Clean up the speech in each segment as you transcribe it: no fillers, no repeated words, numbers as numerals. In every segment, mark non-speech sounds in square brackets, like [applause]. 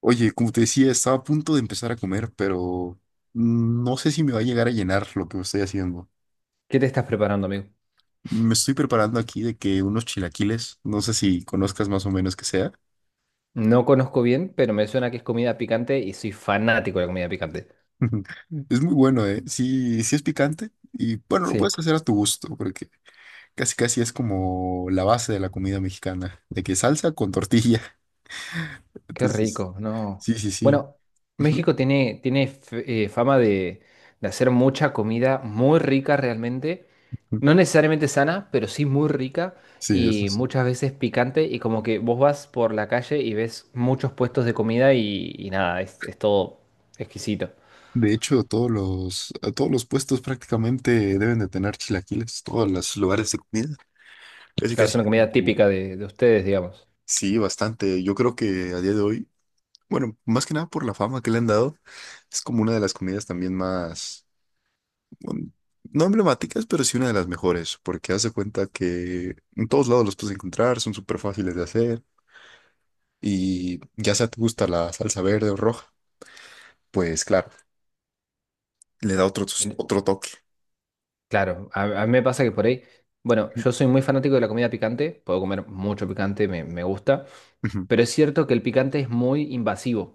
Oye, como te decía, estaba a punto de empezar a comer, pero no sé si me va a llegar a llenar lo que estoy haciendo. ¿Qué te estás preparando, amigo? Me estoy preparando aquí de que unos chilaquiles, no sé si conozcas más o menos que sea. No conozco bien, pero me suena que es comida picante y soy fanático de la comida picante. [laughs] Es muy bueno, ¿eh? Sí, sí es picante y bueno, lo Sí, puedes hacer a tu gusto, porque casi casi es como la base de la comida mexicana, de que salsa con tortilla. [laughs] qué Entonces, rico, no. sí, sí, sí. Bueno, [laughs] México tiene fama de hacer mucha comida muy rica realmente. No necesariamente sana, pero sí muy rica Sí, eso y sí. muchas veces picante. Y como que vos vas por la calle y ves muchos puestos de comida y nada, es todo exquisito. De hecho, a todos los puestos prácticamente deben de tener chilaquiles, todos los lugares de comida. Casi, Claro, es casi. una comida Mm. típica de ustedes, digamos. Sí, bastante. Yo creo que a día de hoy, bueno, más que nada por la fama que le han dado, es como una de las comidas también más, bueno, no emblemáticas, pero sí una de las mejores, porque hace cuenta que en todos lados los puedes encontrar, son súper fáciles de hacer y ya sea te gusta la salsa verde o roja, pues claro, le da otro toque. Claro, a mí me pasa que por ahí, bueno, yo [laughs] soy muy fanático de la comida picante, puedo comer mucho picante, me gusta, Ujú. pero es cierto que el picante es muy invasivo.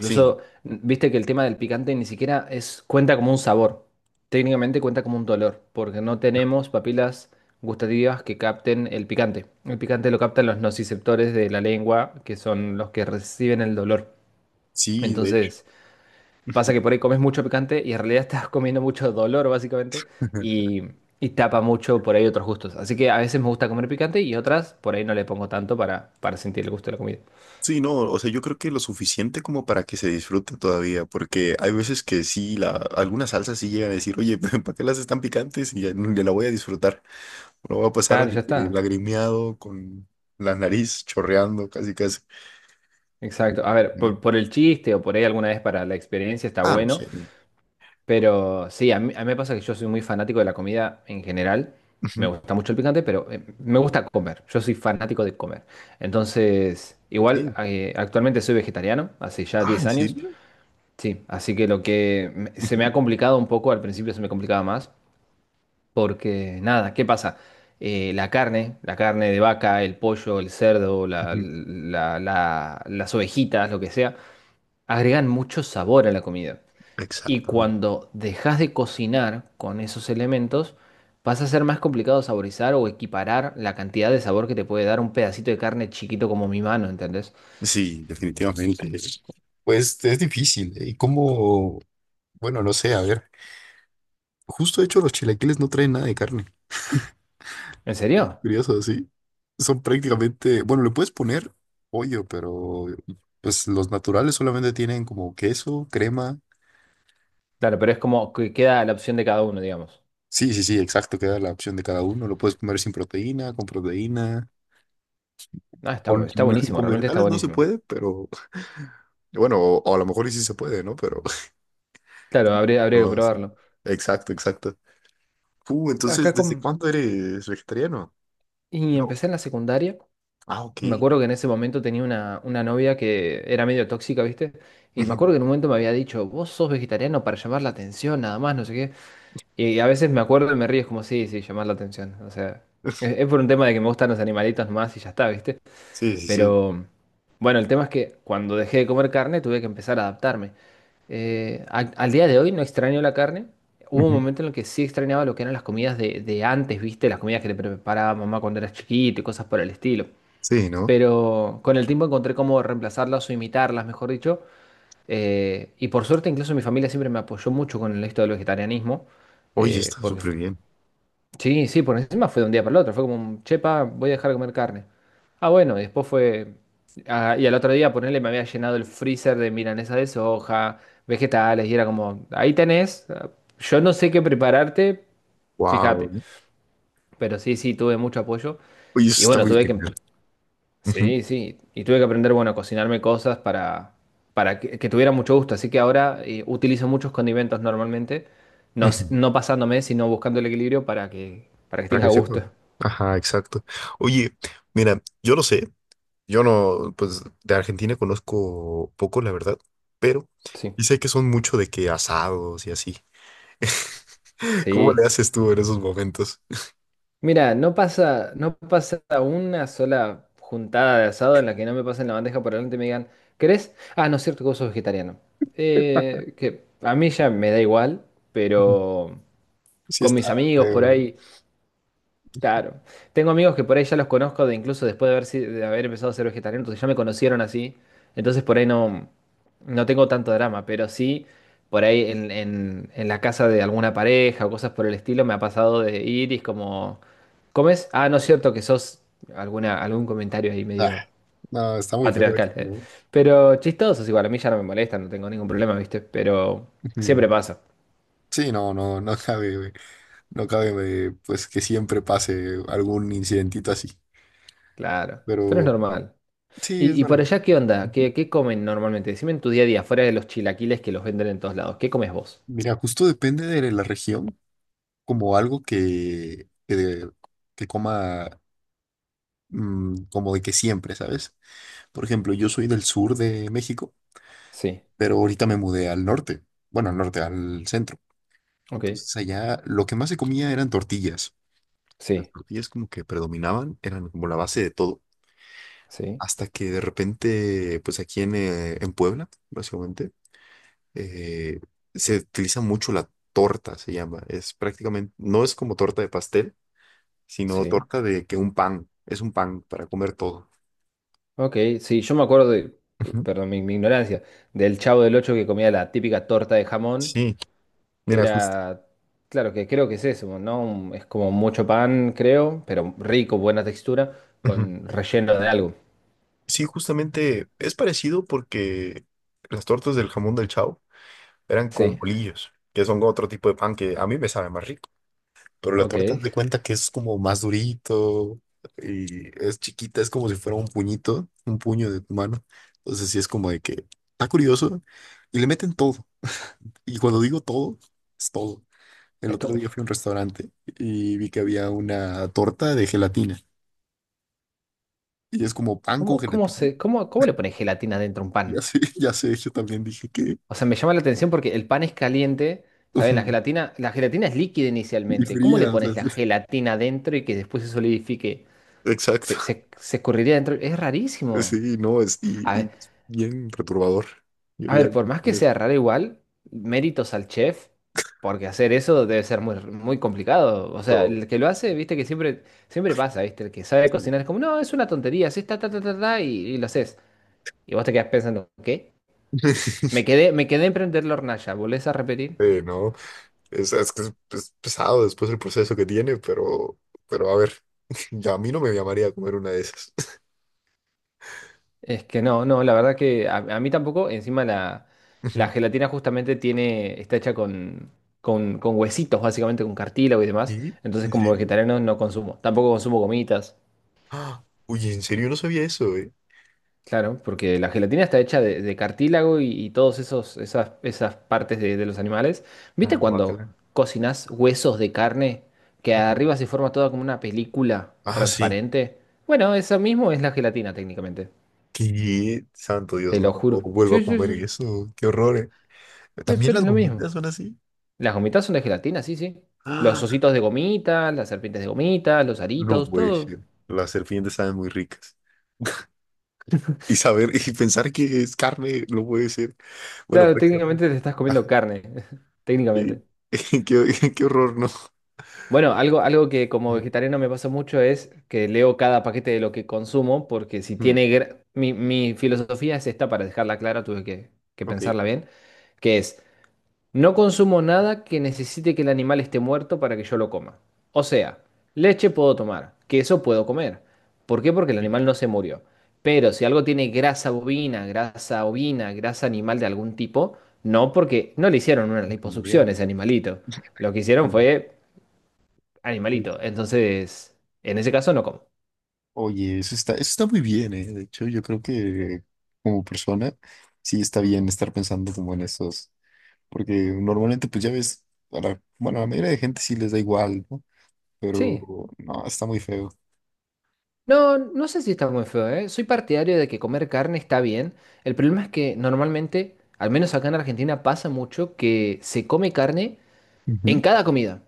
Sí, viste que el tema del picante ni siquiera cuenta como un sabor, técnicamente cuenta como un dolor, porque no tenemos papilas gustativas que capten el picante. El picante lo captan los nociceptores de la lengua, que son los que reciben el dolor. sí, de hecho. Entonces. Pasa que por ahí comes mucho picante y en realidad [laughs] estás comiendo mucho dolor, básicamente, [laughs] y, y tapa mucho por ahí otros gustos. Así que a veces me gusta comer picante y otras por ahí no le pongo tanto para, sentir el gusto de la comida. Sí, no, o sea, yo creo que lo suficiente como para que se disfrute todavía, porque hay veces que sí, algunas salsas sí llegan a decir, oye, [laughs] ¿para qué las están picantes? Y ya, ya la voy a disfrutar. No va a pasar Claro, de ya que está. lagrimeado con la nariz chorreando casi casi. Exacto. A ver, ¿No? Por el chiste o por ahí alguna vez para la experiencia está Ah, no bueno, sé. pero sí, a mí me pasa que yo soy muy fanático de la comida en general. Me Ujú, gusta mucho el picante, pero me gusta comer. Yo soy fanático de comer. Entonces, igual, ok. Actualmente soy vegetariano, hace ya Ah, 10 ¿en años. serio? Sí, así que lo que se me Ujú, ha complicado un poco, al principio se me complicaba más, porque nada, ¿qué pasa? La carne de vaca, el pollo, el cerdo, la- ujú. la- la- las ovejitas, lo que sea, agregan mucho sabor a la comida. Y Exactamente. cuando dejas de cocinar con esos elementos, pasa a ser más complicado saborizar o equiparar la cantidad de sabor que te puede dar un pedacito de carne chiquito como mi mano, ¿entendés? Sí, definitivamente. Pues es difícil, ¿eh? ¿Y cómo? Bueno, no sé, a ver. Justo de hecho, los chilaquiles no traen nada de carne. ¿En serio? Curioso, sí. Son prácticamente, bueno, le puedes poner pollo, pero pues los naturales solamente tienen como queso, crema. Claro, pero es como que queda la opción de cada uno, digamos. Sí, sí, sí, exacto, queda la opción de cada uno. Lo puedes comer sin proteína, con proteína. Ah, Con, está [laughs] buenísimo, con realmente está vegetales no se buenísimo. puede, pero bueno, o a lo mejor y sí se puede, ¿no? Pero, [laughs] Claro, habría que pero así. probarlo. Exacto, exacto. Entonces, Acá con. ¿desde cuándo eres vegetariano? Y No. empecé en la secundaria. Ah, ok. Me acuerdo que en ese momento tenía una novia que era medio tóxica, ¿viste? Y me acuerdo que en un [laughs] momento me había dicho, vos sos vegetariano para llamar la atención, nada más, no sé qué. Y a veces me acuerdo y me río, es como, sí, sí, llamar la atención. O sea, es por un tema de que me gustan los animalitos más y ya está, ¿viste? Sí, sí, sí. Pero, bueno, el tema es que cuando dejé de comer carne tuve que empezar a adaptarme. Al día de hoy no extraño la carne. Hubo un Ujú. momento en el que sí extrañaba lo que eran las comidas de antes, ¿viste? Las comidas que te preparaba mamá cuando eras chiquito y cosas por el estilo. Sí, ¿no? Pero con el tiempo encontré cómo reemplazarlas o imitarlas, mejor dicho. Y por suerte incluso mi familia siempre me apoyó mucho con el esto del vegetarianismo. Oye, está Porque súper bien. Sí, sí, por encima fue de un día para el otro. Fue como, chepa, voy a dejar de comer carne. Ah, bueno, y después fue. Ah, y al otro día, ponerle me había llenado el freezer de milanesa de soja, vegetales, y era como, ahí tenés. Ah, yo no sé qué prepararte, Wow. fíjate. Pero sí, sí, tuve mucho apoyo. Oye, eso Y está bueno, muy tuve que. genial. Ujú, Sí, sí. Y tuve que aprender, bueno, a cocinarme cosas para que tuviera mucho gusto. Así que ahora utilizo muchos condimentos normalmente. No, ujú. no pasándome, sino buscando el equilibrio para que Para tenga que gusto. sepa. Ajá, exacto. Oye, mira, yo no sé, yo no, pues de Argentina conozco poco, la verdad, pero Sí, y sé que son mucho de que asados y así. [laughs] ¿Cómo sí. le haces tú en esos momentos? Mira, no pasa, no pasa una sola juntada de asado en la que no me pasen la bandeja por delante y me digan, ¿querés? Ah, no es cierto que vos sos vegetariano. Que a mí ya me da igual, Ujú. pero Sí con está mis amigos por feo, ¿no? ahí. Claro. Tengo amigos que por ahí ya los conozco de incluso después de haber, de haber empezado a ser vegetariano, entonces ya me conocieron así. Entonces por ahí no tengo tanto drama, pero sí por ahí en la casa de alguna pareja o cosas por el estilo me ha pasado de ir y es como, ¿comes? Ah, no es cierto que sos algún comentario ahí Ah, medio no, está muy feo esto, patriarcal. ¿No? Pero chistosos igual, a mí ya no me molesta, no tengo ningún problema, ¿viste? Pero siempre Ujú. pasa, Sí, no, no, no cabe, güey. No cabe, pues que siempre pase algún incidentito así, claro. Pero es pero normal. sí, es ¿Y por normal. allá qué onda? ¿Qué comen normalmente? Decime en tu día a día, fuera de los chilaquiles que los venden en todos lados. ¿Qué comes vos? Mira, justo depende de la región, como algo que, que coma como de que siempre, ¿sabes? Por ejemplo, yo soy del sur de México, Sí, pero ahorita me mudé al norte, bueno, al norte, al centro. ok. Entonces allá lo que más se comía eran tortillas. Las Sí, tortillas como que predominaban, eran como la base de todo, sí, hasta que de repente, pues aquí en Puebla, básicamente, eh, se utiliza mucho la torta, se llama. Es prácticamente, no es como torta de pastel sino sí. torta de que un pan, es un pan para comer todo. Ok, sí, yo me acuerdo, Ujú. perdón, mi ignorancia, del Chavo del Ocho que comía la típica torta de jamón, Sí, que mira, justo. era, claro, que creo que es eso, ¿no? Es como mucho pan, creo, pero rico, buena textura, con relleno de algo. Sí, justamente es parecido porque las tortas del jamón del Chao eran con Sí, bolillos, que son otro tipo de pan que a mí me sabe más rico. Pero la ok, torta haz de es cuenta que es como más durito y es chiquita, es como si fuera un puñito, un puño de tu mano. Entonces sí es como de que está curioso y le meten todo. Y cuando digo todo, es todo. El otro todo. día fui a un restaurante y vi que había una torta de gelatina. Y es como pan con ¿Cómo, cómo gelatina. se, cómo, cómo le pones gelatina dentro a un Ya pan? sé, [laughs] ya sé, yo también dije que... O sea, me llama la atención porque el pan es caliente, está bien, la [laughs] gelatina, la gelatina es líquida Y inicialmente. ¿Cómo le fría, o sea, pones la es- gelatina dentro y que después se solidifique? Se, Exacto. se, se escurriría dentro. Es rarísimo. Sí, no, es, A y ver, es bien perturbador. Yo a ya ver, no por puedo más comer que eso. sea raro igual, méritos al chef, porque hacer eso debe ser muy, muy complicado. O sea, No, el que lo hace, viste que siempre, siempre pasa, viste, el que sabe sí. cocinar es como, no, es una tontería, así ta, ta, ta, ta, ta", y lo haces. Y vos te quedás pensando, ¿qué? [laughs] Me quedé en prender la hornalla, ¿volvés a repetir? No, es que es pesado después el proceso que tiene, pero a ver, [laughs] ya a mí no me llamaría a comer una de esas. [laughs] Es que no, la verdad que a mí tampoco, encima la Ujú. gelatina justamente está hecha con, con huesitos, básicamente con cartílago y demás, ¿Y? entonces ¿En como serio? vegetariano no consumo, tampoco consumo gomitas, Ah, uy, en serio no sabía eso, eh. claro, porque la gelatina está hecha de cartílago y todos esos, esas partes de los animales. ¿Viste Ah, cuando bacala. cocinas huesos de carne que arriba [laughs] se forma toda como una película Ah, sí. transparente? Bueno, eso mismo es la gelatina técnicamente, Qué santo Dios, te no, lo no juro. vuelvo Sí, a sí, comer sí, eso. Qué horror, eh. sí, También pero las es lo mismo. gomitas son así. Las gomitas son de gelatina, sí, sí. Los Ah, ositos de gomita, las serpientes de gomita, los no aritos, puede todo. ser. Las serpientes saben muy ricas. Y saber y pensar que es carne no puede ser. Bueno, Claro, prácticamente. técnicamente te estás Ah, comiendo carne, [laughs] qué, técnicamente. [laughs] Qué horror, ¿no? Bueno, algo que como vegetariano me pasa mucho es que leo cada paquete de lo que consumo. porque si Mm, tiene... gra- Mi, mi filosofía es esta, para dejarla clara, tuve que, ok. pensarla bien. que es, No consumo nada que necesite que el animal esté muerto para que yo lo coma. O sea, leche puedo tomar, queso puedo comer. ¿Por qué? Porque el Eh, animal no se murió. Pero si algo tiene grasa bovina, grasa ovina, grasa animal de algún tipo, no, porque no le hicieron una liposucción a rumoreado. ese animalito. Lo que hicieron Sí, fue sí, animalito. sí. Entonces, en ese caso no como. Oye, eso está muy bien, ¿eh? De hecho, yo creo que como persona sí está bien estar pensando como en esos. Porque normalmente, pues ya ves, bueno, a la mayoría de gente sí les da igual, ¿no? Sí. Pero no, está muy feo. No, no sé si está muy feo, ¿eh? Soy partidario de que comer carne está bien. El problema es que normalmente, al menos acá en Argentina, pasa mucho que se come carne Ujú, en cada comida.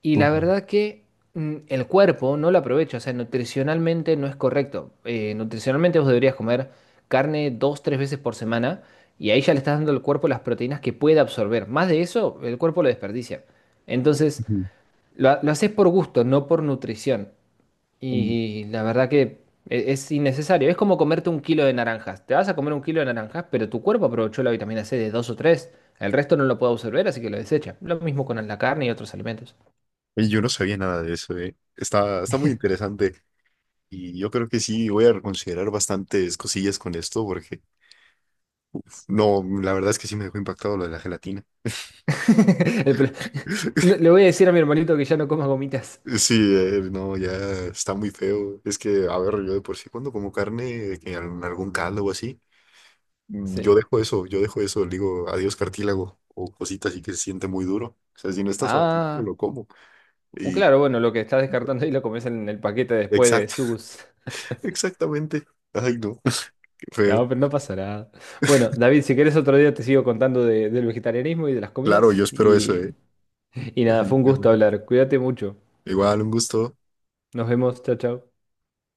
Y la ujú, verdad que el cuerpo no lo aprovecha, o sea, nutricionalmente no es correcto. Nutricionalmente vos deberías comer carne 2, 3 veces por semana y ahí ya le estás dando al cuerpo las proteínas que puede absorber. Más de eso, el cuerpo lo desperdicia. Entonces, lo haces por gusto, no por nutrición. ujú. Mm. Y la verdad que es innecesario. Es como comerte 1 kilo de naranjas. Te vas a comer 1 kilo de naranjas, pero tu cuerpo aprovechó la vitamina C de dos o tres. El resto no lo puede absorber, así que lo desecha. Lo mismo con la carne y otros alimentos. Oye, yo no sabía nada de eso, eh. Está, está muy interesante y yo creo que sí voy a reconsiderar bastantes cosillas con esto porque no, la verdad es que sí me dejó impactado lo de la gelatina. [laughs] El pro- [laughs] No, [laughs] le voy a decir a mi hermanito que ya no coma gomitas. Sí, no, ya está muy feo. Es que, a ver, yo de por sí cuando como carne, que en algún caldo o así, mm, yo Sí. dejo eso, yo dejo eso, le digo adiós cartílago o cositas así que se siente muy duro. O sea, si no está suavecito, no Ah, lo como. Y claro, bueno, lo que estás descartando ahí lo comes en el paquete después de exacto, sus. [laughs] exactamente. Ay, no, [laughs] qué feo. No, pero no pasa nada. Bueno, David, si querés otro día te sigo contando del vegetarianismo y de las Claro, yo comidas. espero eso, ¿eh? Y nada, fue un gusto Definitivamente. hablar. Cuídate mucho. Igual, un gusto. Nos vemos, chao, chao.